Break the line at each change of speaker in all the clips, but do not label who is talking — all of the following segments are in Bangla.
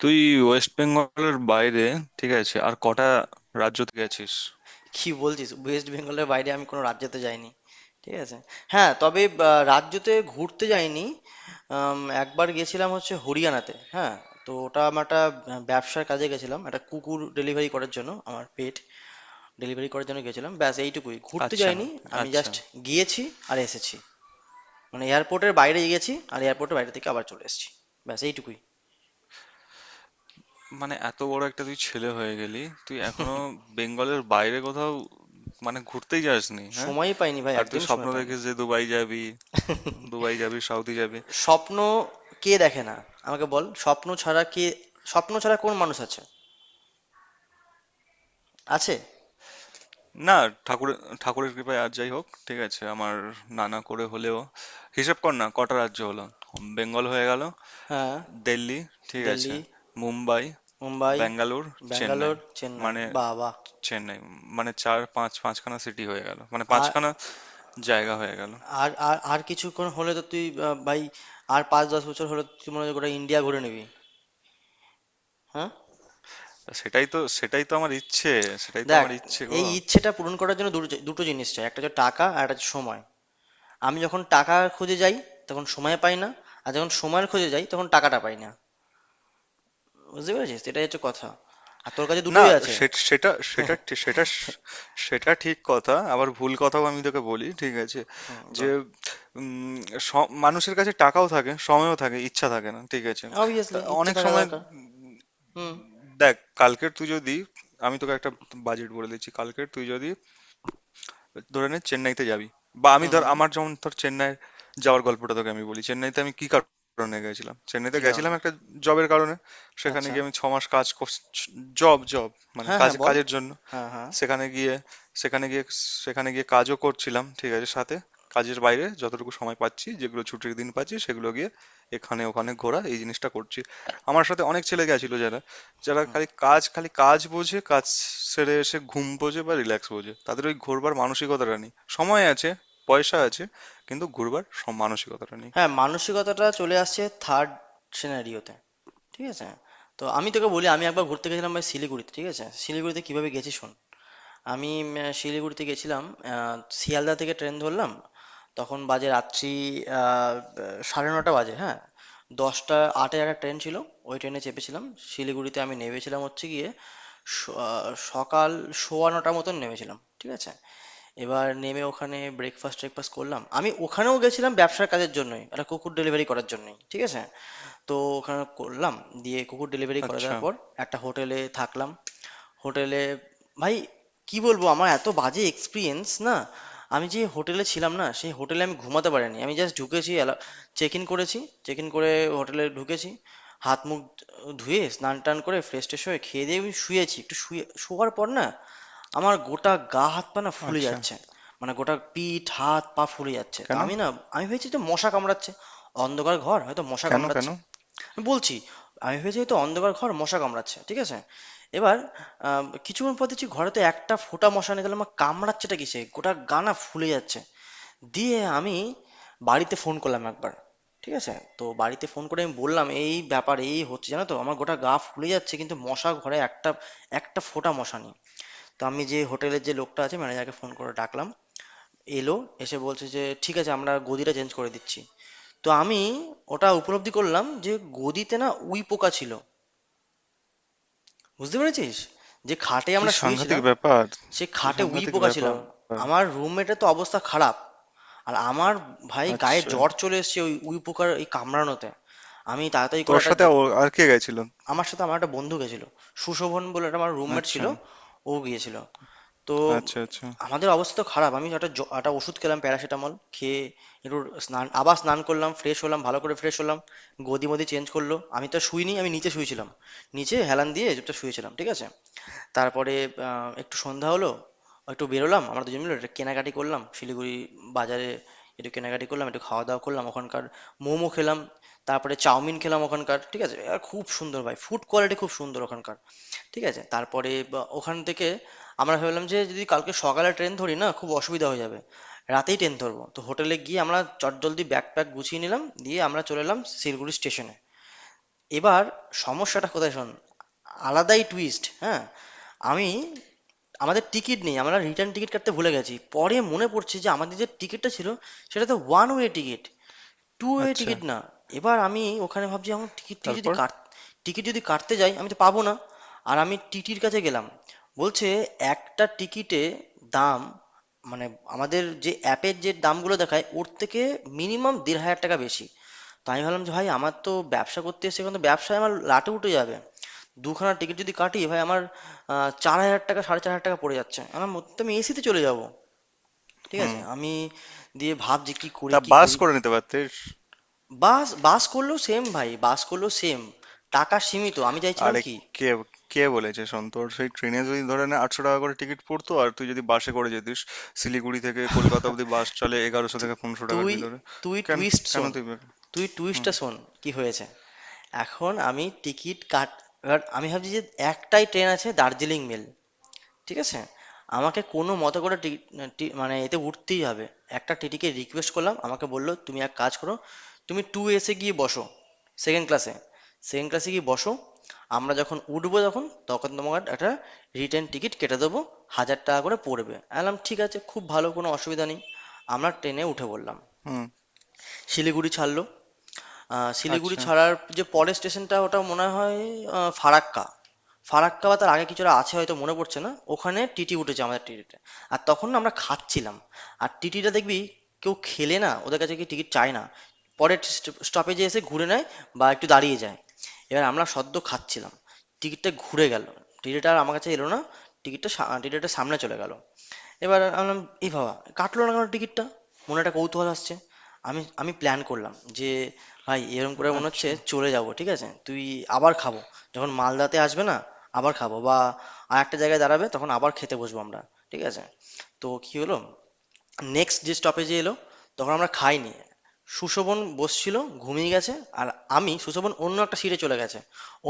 তুই ওয়েস্ট বেঙ্গলের বাইরে, ঠিক আছে, আর কটা রাজ্যতে গেছিস?
কি বলছিস? ওয়েস্ট বেঙ্গলের বাইরে আমি কোনো রাজ্যতে যাইনি। ঠিক আছে। হ্যাঁ, তবে রাজ্যতে ঘুরতে যাইনি। একবার গেছিলাম হচ্ছে হরিয়ানাতে, হ্যাঁ। তো ওটা আমার একটা, ব্যবসার কাজে গেছিলাম, একটা কুকুর ডেলিভারি করার জন্য, আমার পেট ডেলিভারি করার জন্য গেছিলাম, ব্যাস এইটুকুই, ঘুরতে
আচ্ছা।
যাইনি। আমি
আচ্ছা।
জাস্ট গিয়েছি আর এসেছি। মানে এয়ারপোর্টের বাইরে গেছি আর এয়ারপোর্টের বাইরে থেকে আবার চলে এসেছি, ব্যাস এইটুকুই।
মানে এত বড় একটা তুই ছেলে হয়ে গেলি, তুই এখনো বেঙ্গলের বাইরে কোথাও মানে ঘুরতেই যাসনি? হ্যাঁ।
সময়ই পাইনি ভাই,
আর তুই
একদমই
স্বপ্ন
সময় পাইনি।
দেখিস যে দুবাই যাবি, দুবাই যাবি, সাউদি যাবি।
স্বপ্ন কে দেখে না? আমাকে বল, স্বপ্ন ছাড়া কে, স্বপ্ন ছাড়া কোন মানুষ আছে? আছে।
না, ঠাকুরের ঠাকুরের কৃপায় আর যাই হোক, ঠিক আছে, আমার নানা করে হলেও হিসেব কর না কটা রাজ্য হলো। বেঙ্গল হয়ে গেল,
হ্যাঁ।
দিল্লি, ঠিক আছে,
দিল্লি।
মুম্বাই,
মুম্বাই।
ব্যাঙ্গালোর, চেন্নাই।
ব্যাঙ্গালোর, চেন্নাই,
মানে
বাহ বাহ।
চেন্নাই, মানে চার পাঁচ, পাঁচখানা সিটি হয়ে গেল, মানে
আর
পাঁচখানা জায়গা হয়ে গেল।
আর আর আর কিছুক্ষণ হলে তো তুই ভাই, আর পাঁচ দশ বছর হলে তো তুই মনে হয় গোটা ইন্ডিয়া ঘুরে নিবি। হ্যাঁ।
তা সেটাই তো আমার ইচ্ছে, সেটাই তো
দেখ,
আমার ইচ্ছে গো।
এই ইচ্ছেটা পূরণ করার জন্য দুটো দুটো জিনিস চাই, একটা হচ্ছে টাকা আর একটা হচ্ছে সময়। আমি যখন টাকা খুঁজে যাই তখন সময় পাই না, আর যখন সময় খুঁজে যাই তখন টাকাটা পাই না। বুঝতে পেরেছিস, এটাই হচ্ছে কথা। আর তোর কাছে
না,
দুটোই আছে।
সে- সেটা সেটা ঠি- সেটা স- সেটা ঠিক কথা আবার ভুল কথাও আমি তোকে বলি, ঠিক আছে,
হুম,
যে
বল।
উম, মানুষের কাছে টাকাও থাকে, সময়ও থাকে, ইচ্ছা থাকে না, ঠিক আছে। তা
অবভিয়াসলি ইচ্ছা
অনেক
থাকা
সময়
দরকার।
উম,
হুম,
দেখ, কালকের তুই যদি আমি তোকে একটা বাজেট বলে দিচ্ছি, কালকের তুই যদি ধরে নে চেন্নাইতে যাবি, বা আমি
হুম।
ধর,
হুম,
আমার যেমন ধর চেন্নাই যাওয়ার গল্পটা তোকে আমি বলি। চেন্নাইতে আমি কি কারণে গেছিলাম, চেন্নাইতে
কি কারণে?
গেছিলাম একটা জবের কারণে। সেখানে
আচ্ছা।
গিয়ে আমি 6 মাস কাজ, জব জব মানে
হ্যাঁ, হ্যাঁ,
কাজে,
বল।
কাজের জন্য।
হ্যাঁ, হ্যাঁ।
সেখানে গিয়ে সেখানে গিয়ে সেখানে গিয়ে কাজও করছিলাম, ঠিক আছে, সাথে কাজের বাইরে যতটুকু সময় পাচ্ছি, যেগুলো ছুটির দিন পাচ্ছি, সেগুলো গিয়ে এখানে ওখানে ঘোরা এই জিনিসটা করছি। আমার সাথে অনেক ছেলে গেছিল যারা যারা খালি কাজ, খালি কাজ বোঝে, কাজ সেরে এসে ঘুম বোঝে বা রিল্যাক্স বোঝে, তাদের ওই ঘোরবার মানসিকতাটা নেই। সময় আছে, পয়সা আছে, কিন্তু ঘুরবার মানসিকতাটা নেই।
হ্যাঁ, মানসিকতাটা চলে আসছে থার্ড সিনারিওতে। ঠিক আছে? তো আমি তোকে বলি, আমি একবার ঘুরতে গেছিলাম ভাই শিলিগুড়িতে। ঠিক আছে? শিলিগুড়িতে কিভাবে গেছি শোন। আমি শিলিগুড়িতে গেছিলাম। শিয়ালদা থেকে ট্রেন ধরলাম। তখন বাজে রাত্রি আহ, 9:30 বাজে, হ্যাঁ, দশটা আটে একটা ট্রেন ছিল, ওই ট্রেনে চেপেছিলাম। শিলিগুড়িতে আমি নেমেছিলাম হচ্ছে গিয়ে স- আহ, সকাল 9:15 মতন নেমেছিলাম। ঠিক আছে? এবার নেমে ওখানে ব্রেকফাস্ট ট্রেকফাস্ট করলাম। আমি ওখানেও গেছিলাম ব্যবসার কাজের জন্যই, একটা কুকুর ডেলিভারি করার জন্যই, ঠিক আছে? তো ওখানে করলাম, দিয়ে কুকুর ডেলিভারি করে
আচ্ছা।
দেওয়ার পর একটা হোটেলে থাকলাম। হোটেলে, ভাই কি বলবো, আমার এত বাজে এক্সপিরিয়েন্স না! আমি যে হোটেলে ছিলাম না, সেই হোটেলে আমি ঘুমাতে পারিনি। আমি জাস্ট ঢুকেছি, চেক ইন করেছি, চেক ইন করে হোটেলে ঢুকেছি, হাত মুখ ধুয়ে স্নান টান করে ফ্রেশ ট্রেশ হয়ে খেয়ে দিয়ে আমি শুয়েছি। একটু শুয়ে শোয়ার পর না, আমার গোটা গা হাত পা না ফুলে
আচ্ছা।
যাচ্ছে। মানে গোটা পিঠ হাত পা ফুলে যাচ্ছে। তা
কেন?
আমি না আমি ভেবেছি যে মশা কামড়াচ্ছে, অন্ধকার ঘর হয়তো মশা
কেন? কেন?
কামড়াচ্ছে। বলছি, আমি ভেবেছি হয়তো অন্ধকার ঘর মশা কামড়াচ্ছে, ঠিক আছে? এবার কিছুক্ষণ পর দেখছি ঘরে তো একটা ফোঁটা মশা নিয়ে গেলাম, আমার কামড়াচ্ছেটা কিসে, গোটা গা না ফুলে যাচ্ছে। দিয়ে আমি বাড়িতে ফোন করলাম একবার, ঠিক আছে? তো বাড়িতে ফোন করে আমি বললাম এই ব্যাপার এই হচ্ছে জানো তো, আমার গোটা গা ফুলে যাচ্ছে কিন্তু মশা ঘরে একটা একটা ফোঁটা মশা নেই। তো আমি যে হোটেলের যে লোকটা আছে, ম্যানেজারকে ফোন করে ডাকলাম। এলো, এসে বলছে যে ঠিক আছে আমরা গদিটা চেঞ্জ করে দিচ্ছি। তো আমি ওটা উপলব্ধি করলাম যে গদিতে না উই পোকা ছিল। বুঝতে পেরেছিস? যে খাটে
কি
আমরা
সাংঘাতিক
শুয়েছিলাম,
ব্যাপার!
সে
কি
খাটে উই
সাংঘাতিক
পোকা
ব্যাপার!
ছিলাম। আমার রুমমেটের তো অবস্থা খারাপ, আর আমার ভাই গায়ে
আচ্ছা।
জ্বর চলে এসেছে ওই উই পোকার এই কামড়ানোতে। আমি তাড়াতাড়ি করে
তোর
একটা
সাথে ও আর কে গেছিল?
আমার সাথে আমার একটা বন্ধু গেছিল, সুশোভন বলে, একটা আমার রুমমেট ছিল,
আচ্ছা।
ও গিয়েছিল। তো
আচ্ছা। আচ্ছা।
আমাদের অবস্থা তো খারাপ, আমি একটা একটা ওষুধ খেলাম, প্যারাসিটামল খেয়ে একটু স্নান, আবার স্নান করলাম, ফ্রেশ হলাম, ভালো করে ফ্রেশ হলাম। গদি মদি চেঞ্জ করলো, আমি তো শুইনি, আমি নিচে শুয়েছিলাম, নিচে হেলান দিয়ে চুপচাপ শুয়েছিলাম, ঠিক আছে? তারপরে একটু সন্ধ্যা হলো, একটু বেরোলাম আমরা দুজন মিলে, একটু কেনাকাটি করলাম শিলিগুড়ি বাজারে, একটু কেনাকাটি করলাম, একটু খাওয়া দাওয়া করলাম। ওখানকার মোমো খেলাম, তারপরে চাউমিন খেলাম ওখানকার, ঠিক আছে? আর খুব সুন্দর ভাই, ফুড কোয়ালিটি খুব সুন্দর ওখানকার, ঠিক আছে? তারপরে বা ওখান থেকে আমরা ভাবলাম যে যদি কালকে সকালে ট্রেন ধরি না, খুব অসুবিধা হয়ে যাবে, রাতেই ট্রেন ধরবো। তো হোটেলে গিয়ে আমরা চটজলদি ব্যাগ প্যাক গুছিয়ে নিলাম, দিয়ে আমরা চলে এলাম শিলিগুড়ি স্টেশনে। এবার সমস্যাটা কোথায় শোন, আলাদাই টুইস্ট, হ্যাঁ। আমি, আমাদের টিকিট নেই, আমরা রিটার্ন টিকিট কাটতে ভুলে গেছি, পরে মনে পড়ছে যে আমাদের যে টিকিটটা ছিল সেটা তো one way ticket, two way
আচ্ছা।
টিকিট না। এবার আমি ওখানে ভাবছি এখন টিকিট টিকিট যদি
তারপর?
কাট টিকিট যদি কাটতে যাই আমি তো পাবো না। আর আমি টিটির কাছে গেলাম, বলছে একটা টিকিটে দাম, মানে আমাদের যে অ্যাপের যে দামগুলো দেখায় ওর থেকে মিনিমাম 1,500 টাকা বেশি। তো আমি ভাবলাম যে ভাই আমার তো ব্যবসা করতে এসে এখন তো ব্যবসায় আমার লাটে উঠে যাবে, দুখানা টিকিট যদি কাটি ভাই আমার 4,000 টাকা, 4,500 টাকা পড়ে যাচ্ছে, আমার মধ্যে আমি এসিতে চলে যাব, ঠিক
হুম।
আছে? আমি দিয়ে ভাবছি কি করি
তা
কি
বাস
করি।
করে নিতে পারতিস।
বাস বাস করলেও সেম ভাই, বাস করলেও সেম, টাকা সীমিত, আমি চাইছিলাম
আরে,
কি,
কে কে বলেছে, শোন, তোর সেই ট্রেনে যদি ধরে নে 800 টাকা করে টিকিট পড়তো, আর তুই যদি বাসে করে যেতিস, শিলিগুড়ি থেকে কলকাতা অবধি বাস চলে 1100
তু-
থেকে 1500 টাকার
তুই
ভিতরে। তো
তুই
কেন?
টুইস্ট
কেন
শোন,
তুই বে-
তুই
হুম।
টুইস্টটা শোন। কি হয়েছে, এখন আমি টিকিট কাট, এবার আমি ভাবছি যে একটাই ট্রেন আছে, দার্জিলিং মেল, ঠিক আছে? আমাকে কোনো মতে করে টি- টি- মানে এতে উঠতেই হবে। একটা টিটিকে রিকোয়েস্ট করলাম, আমাকে বললো তুমি এক কাজ করো, তুমি টু এসে গিয়ে বসো, সেকেন্ড ক্লাসে, সেকেন্ড ক্লাসে গিয়ে বসো, আমরা যখন উঠবো তখন, তখন তোমাকে একটা রিটার্ন টিকিট কেটে দেবো, 1,000 টাকা করে পড়বে। আমি বললাম ঠিক আছে, খুব ভালো, কোনো অসুবিধা নেই। আমরা ট্রেনে উঠে পড়লাম।
হুম।
শিলিগুড়ি ছাড়লো। শিলিগুড়ি
আচ্ছা।
ছাড়ার যে পরের স্টেশনটা, ওটা মনে হয় ফারাক্কা। ফারাক্কা বা তার আগে কিছুটা আছে হয়তো, মনে পড়ছে না। ওখানে টিটি উঠেছে, আমাদের টিটিতে। আর তখন না আমরা খাচ্ছিলাম। আর টিটিটা দেখবি, কেউ খেলে না ওদের কাছে গিয়ে টিকিট চায় না, পরের স্টপেজে এসে ঘুরে নেয় বা একটু দাঁড়িয়ে যায়। এবার আমরা সদ্য খাচ্ছিলাম, টিকিটটা ঘুরে গেল, টিটিটা আর আমার কাছে এলো না, টিকিটটা সা টিটিটা সামনে চলে গেল। এবার আমি বললাম এ বাবা, কাটলো না কেন টিকিটটা! মনে একটা কৌতূহল আসছে। আমি আমি প্ল্যান করলাম যে ভাই এরকম করে মনে হচ্ছে
আচ্ছা।
চলে যাব, ঠিক আছে? তুই আবার খাবো যখন মালদাতে আসবে না, আবার খাবো, বা আর একটা জায়গায় দাঁড়াবে তখন আবার খেতে বসবো আমরা, ঠিক আছে? তো কি হলো, নেক্সট যে স্টপেজে এলো তখন আমরা খাইনি, সুশোভন বসছিল, ঘুমিয়ে গেছে। আর আমি, সুশোভন অন্য একটা সিটে চলে গেছে,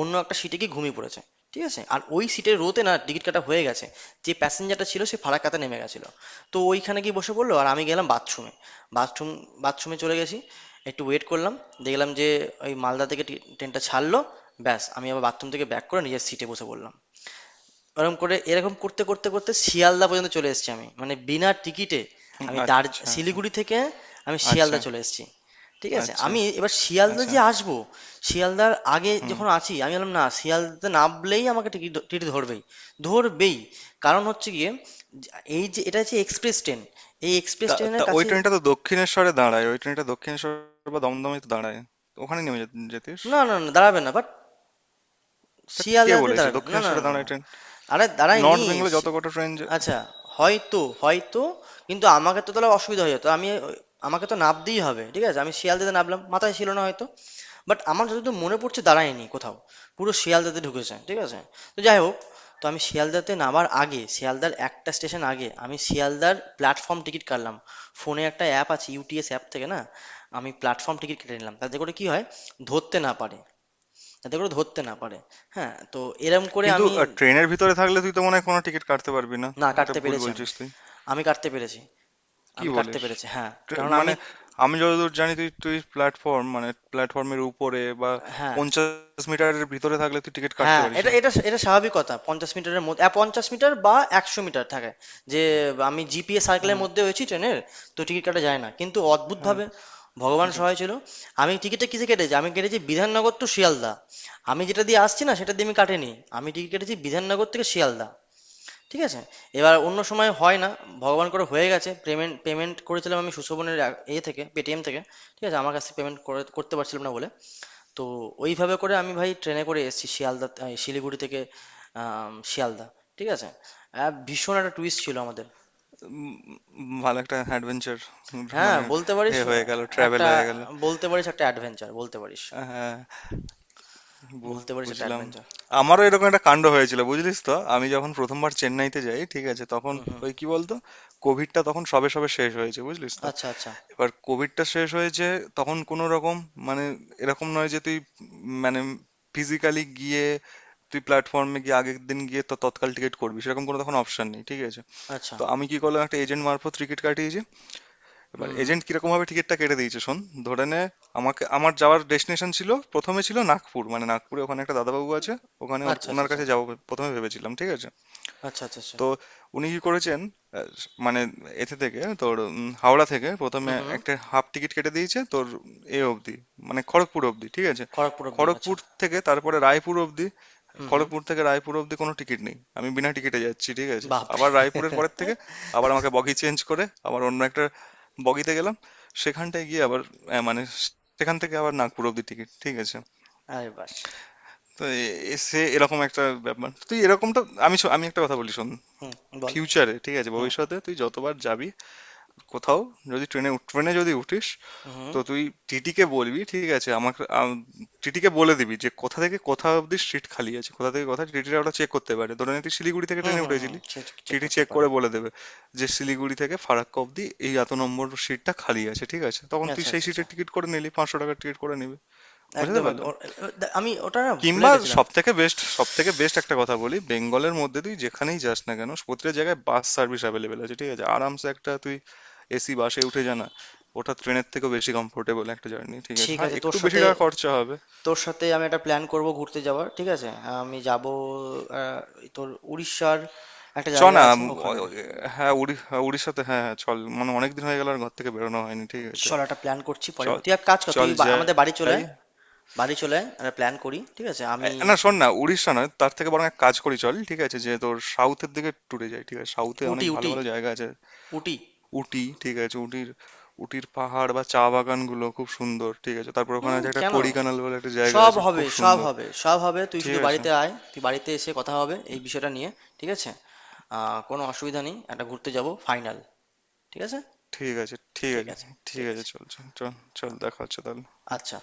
অন্য একটা সিটে গিয়ে ঘুমিয়ে পড়েছে, ঠিক আছে? আর ওই সিটের রোতে না টিকিট কাটা হয়ে গেছে, যে প্যাসেঞ্জারটা ছিল সে ফারাক্কাতে নেমে গেছিলো। তো ওইখানে গিয়ে বসে পড়লো, আর আমি গেলাম বাথরুমে। বাথরুম বাথরুমে চলে গেছি, একটু ওয়েট করলাম, দেখলাম যে ওই মালদা থেকে ট্রেনটা ছাড়লো, ব্যাস আমি আবার বাথরুম থেকে ব্যাক করে নিজের সিটে বসে পড়লাম। ওরকম করে, এরকম করতে করতে করতে শিয়ালদা পর্যন্ত চলে এসেছি আমি, মানে বিনা টিকিটে।
হুম,
আমি
আচ্ছা।
শিলিগুড়ি থেকে আমি
আচ্ছা।
শিয়ালদা চলে এসেছি, ঠিক আছে?
আচ্ছা।
আমি এবার শিয়ালদা
আচ্ছা।
যে আসবো, শিয়ালদার আগে
হুম।
যখন আছি আমি বললাম না, শিয়ালদাতে নামলেই আমাকে টিকিট, টিকিট ধরবেই ধরবেই, কারণ হচ্ছে গিয়ে, এই যে এটা হচ্ছে এক্সপ্রেস ট্রেন, এই এক্সপ্রেস
তা
ট্রেনের
তা ওই
কাছে,
ট্রেনটা তো দক্ষিণেশ্বরে দাঁড়ায়, ওই ট্রেনটা দক্ষিণেশ্বর বা দমদমে তো দাঁড়ায়, ওখানে নেমে যেতিস।
না না না দাঁড়াবে না বাট,
তা কে
শিয়ালদাতে
বলেছে
দাঁড়াবে না, না
দক্ষিণেশ্বরে
না
দাঁড়ায়
না।
ট্রেন?
আরে দাঁড়ায়নি।
নর্থ বেঙ্গলে যত
শি-
কটা ট্রেন।
আচ্ছা, হয়তো হয়তো, কিন্তু আমাকে তো তাহলে অসুবিধা হয়ে যেত। আমাকে তো নামতেই হবে, ঠিক আছে? আমি শিয়ালদাতে নামলাম, মাথায় ছিল না হয়তো, বাট আমার যতদূর মনে পড়ছে দাঁড়ায়নি কোথাও, পুরো শিয়ালদাতে ঢুকেছে, ঠিক আছে? তো যাই হোক, তো আমি শিয়ালদাতে নামার আগে, শিয়ালদার একটা স্টেশন আগে আমি শিয়ালদার প্ল্যাটফর্ম টিকিট কাটলাম। ফোনে একটা অ্যাপ আছে, ইউটিএস অ্যাপ থেকে না, আমি প্ল্যাটফর্ম টিকিট কেটে নিলাম, তাতে করে কি হয়, ধরতে না পারে, যাতে করে ধরতে না পারে। হ্যাঁ, তো এরম করে
কিন্তু
আমি,
ট্রেনের ভিতরে থাকলে তুই তো মনে হয় কোনো টিকিট কাটতে পারবি না।
না
এটা
কাটতে
ভুল
পেরেছি আমি,
বলছিস তুই,
আমি কাটতে পেরেছি,
কি
আমি কাটতে
বলিস?
পেরেছি হ্যাঁ, কারণ আমি,
মানে, আমি যতদূর জানি, তুই তুই প্ল্যাটফর্ম মানে প্ল্যাটফর্মের উপরে বা
হ্যাঁ
50 মিটারের ভিতরে থাকলে তুই টিকিট কাটতে
হ্যাঁ
পারিস
এটা,
না।
এটা স্বাভাবিক কথা, 50 মিটারের মধ্যে 50 মিটার বা 100 মিটার থাকে, যে আমি জিপিএ সার্কেলের
হ্যাঁ।
মধ্যে হয়েছি ট্রেনের, তো টিকিট কাটা যায় না। কিন্তু
হ্যাঁ।
অদ্ভুতভাবে ভগবান
যা-
সহায় ছিল। আমি টিকিটটা কিসে কেটেছি, আমি কেটেছি বিধাননগর টু শিয়ালদা। আমি যেটা দিয়ে আসছি না সেটা দিয়ে আমি কাটিনি, আমি টিকিট কেটেছি বিধাননগর থেকে শিয়ালদা, ঠিক আছে? এবার অন্য সময় হয় না, ভগবান করে হয়ে গেছে। পেমেন্ট পেমেন্ট করেছিলাম আমি সুশোভনের ইয়ে থেকে, পেটিএম থেকে, ঠিক আছে? আমার কাছ থেকে পেমেন্ট করে করতে পারছিলাম না বলে। তো ওইভাবে করে আমি ভাই ট্রেনে করে এসেছি শিয়ালদা, শিলিগুড়ি থেকে শিয়ালদা, ঠিক আছে? ভীষণ একটা টুইস্ট ছিল আমাদের।
উম, ভালো একটা অ্যাডভেঞ্চার।
হ্যাঁ,
মানে
বলতে পারিস
এ হয়ে গেল, ট্রাভেল
একটা,
হয়ে গেল।
বলতে পারিস একটা অ্যাডভেঞ্চার, বলতে পারিস।
হ্যাঁ।
বলতে পারিস একটা
বুঝলাম।
অ্যাডভেঞ্চার।
আমারও এরকম একটা কাণ্ড হয়েছিল, বুঝলিস তো? আমি যখন প্রথমবার চেন্নাইতে যাই, ঠিক আছে, তখন
হুম, হুম।
ওই কি বলতো, কোভিডটা তখন সবে সবে শেষ হয়েছে, বুঝলিস তো।
আচ্ছা, আচ্ছা,
এবার কোভিডটা শেষ হয়েছে, তখন কোনো রকম মানে এরকম নয় যে তুই মানে ফিজিক্যালি গিয়ে, তুই প্ল্যাটফর্মে গিয়ে আগের দিন গিয়ে তো তৎকাল টিকিট করবি, সেরকম কোনো তখন অপশন নেই, ঠিক আছে।
আচ্ছা।
তো আমি কি করলাম, একটা এজেন্ট মারফত টিকিট কাটিয়েছি। এবার
হুম।
এজেন্ট কিরকম ভাবে টিকিটটা কেটে দিয়েছে শোন। ধরে নে, আমাকে আমার যাওয়ার ডেস্টিনেশন ছিল প্রথমে, ছিল নাগপুর, মানে নাগপুরে ওখানে একটা দাদাবাবু আছে, ওখানে
আচ্ছা, আচ্ছা,
ওনার
আচ্ছা।
কাছে যাবো প্রথমে ভেবেছিলাম, ঠিক আছে।
আচ্ছা, আচ্ছা, আচ্ছা।
তো উনি কি করেছেন, আহ, মানে এতে থেকে তোর, হাওড়া থেকে প্রথমে
হুম, হুম।
একটা হাফ টিকিট কেটে দিয়েছে তোর এ অবধি, মানে খড়গপুর অবধি, ঠিক আছে।
খড়গপুর অব্দি। আচ্ছা।
খড়গপুর থেকে তারপরে রায়পুর অবধি।
হুম, হুম।
খড়গপুর থেকে রায়পুর অব্দি কোনো টিকিট নেই, আমি বিনা টিকিটে যাচ্ছি, ঠিক আছে।
বাপরে।
আবার রায়পুরের পরের থেকে আবার আমাকে বগি চেঞ্জ করে আবার অন্য একটা বগিতে গেলাম, সেখানটায় গিয়ে আবার মানে সেখান থেকে আবার নাগপুর অব্দি টিকিট, ঠিক আছে।
আরে বাস।
তো সে এরকম একটা ব্যাপার, তুই এরকমটা, আমি একটা কথা বলি শোন।
হুম, বল।
ফিউচারে, ঠিক আছে,
হুম,
ভবিষ্যতে তুই যতবার যাবি কোথাও, যদি ট্রেনে ট্রেনে যদি উঠিস,
হুম,
তো তুই টিটিকে বলবি, ঠিক আছে, আমাকে টিটিকে বলে দিবি যে কোথা থেকে কোথা অব্দি সিট খালি আছে, কোথা থেকে কোথা টিটিরা ওটা চেক করতে পারে। ধরে নে তুই শিলিগুড়ি থেকে
হুম,
ট্রেনে
হুম, হুম,
উঠেছিলি,
সেটা চেক
টিটি
করতে
চেক
পারে।
করে বলে দেবে যে শিলিগুড়ি থেকে ফারাক্কা অব্দি এই এত নম্বর সিটটা খালি আছে, ঠিক আছে, তখন তুই
আচ্ছা,
সেই
আচ্ছা, আচ্ছা।
সিটের টিকিট করে নিলি, 500 টাকার টিকিট করে নিবি। বুঝতে
একদম, একদম,
পারলাম।
আমি ওটা না ভুলে
কিংবা
গেছিলাম।
সবথেকে বেস্ট, সবথেকে বেস্ট একটা কথা বলি, বেঙ্গলের মধ্যে তুই যেখানেই যাস না কেন, প্রতিটা জায়গায় বাস সার্ভিস অ্যাভেলেবেল আছে, ঠিক আছে, আরামসে একটা তুই এসি বাসে উঠে যা না, ওটা ট্রেনের থেকেও বেশি কমফোর্টেবল একটা জার্নি, ঠিক আছে,
ঠিক
হ্যাঁ
আছে, তোর
একটু বেশি
সাথে
টাকা খরচা হবে।
তোর সাথে আমি একটা প্ল্যান করব ঘুরতে যাওয়ার, ঠিক আছে? আমি যাব তোর উড়িষ্যার, একটা
চ
জায়গা
না,
আছে
অ-
ওখানে।
অ- হ্যাঁ হ্যাঁ, উড়িষ্যাতে, হ্যাঁ। হ্যাঁ। চল, মানে অনেকদিন হয়ে গেল আর ঘর থেকে বেরোনো হয়নি, ঠিক আছে।
চল একটা প্ল্যান করছি পরে,
চল,
তুই এক কাজ কর, তুই
চল
আমাদের বাড়ি চলে
যাই।
আয়, বাড়ি চলে আয়, একটা প্ল্যান করি, ঠিক আছে?
এ,
আমি
না শোন না, উড়িষ্যা নয়, তার থেকে বরং এক কাজ করি চল, ঠিক আছে, যে তোর সাউথের দিকে ট্যুরে যাই, ঠিক আছে, সাউথে
উটি,
অনেক ভালো
উটি,
ভালো জায়গা আছে।
উটি।
উটি, ঠিক আছে, উটির উটির পাহাড় বা চা বাগানগুলো খুব সুন্দর, ঠিক আছে, তারপর ওখানে
হুম
আছে একটা
কেন,
কোড়িকানাল বলে একটা জায়গা
সব
আছে, খুব
হবে, সব
সুন্দর।
হবে, সব হবে, তুই
ঠিক
শুধু
আছে।
বাড়িতে আয়, তুই বাড়িতে এসে কথা হবে এই বিষয়টা নিয়ে, ঠিক আছে? কোনো অসুবিধা নেই, একটা ঘুরতে যাব, ফাইনাল, ঠিক আছে?
ঠিক আছে। ঠিক
ঠিক
আছে।
আছে,
ঠিক
ঠিক
আছে।
আছে।
চল, চল, চল, চল। দেখা হচ্ছে তাহলে।
আচ্ছা।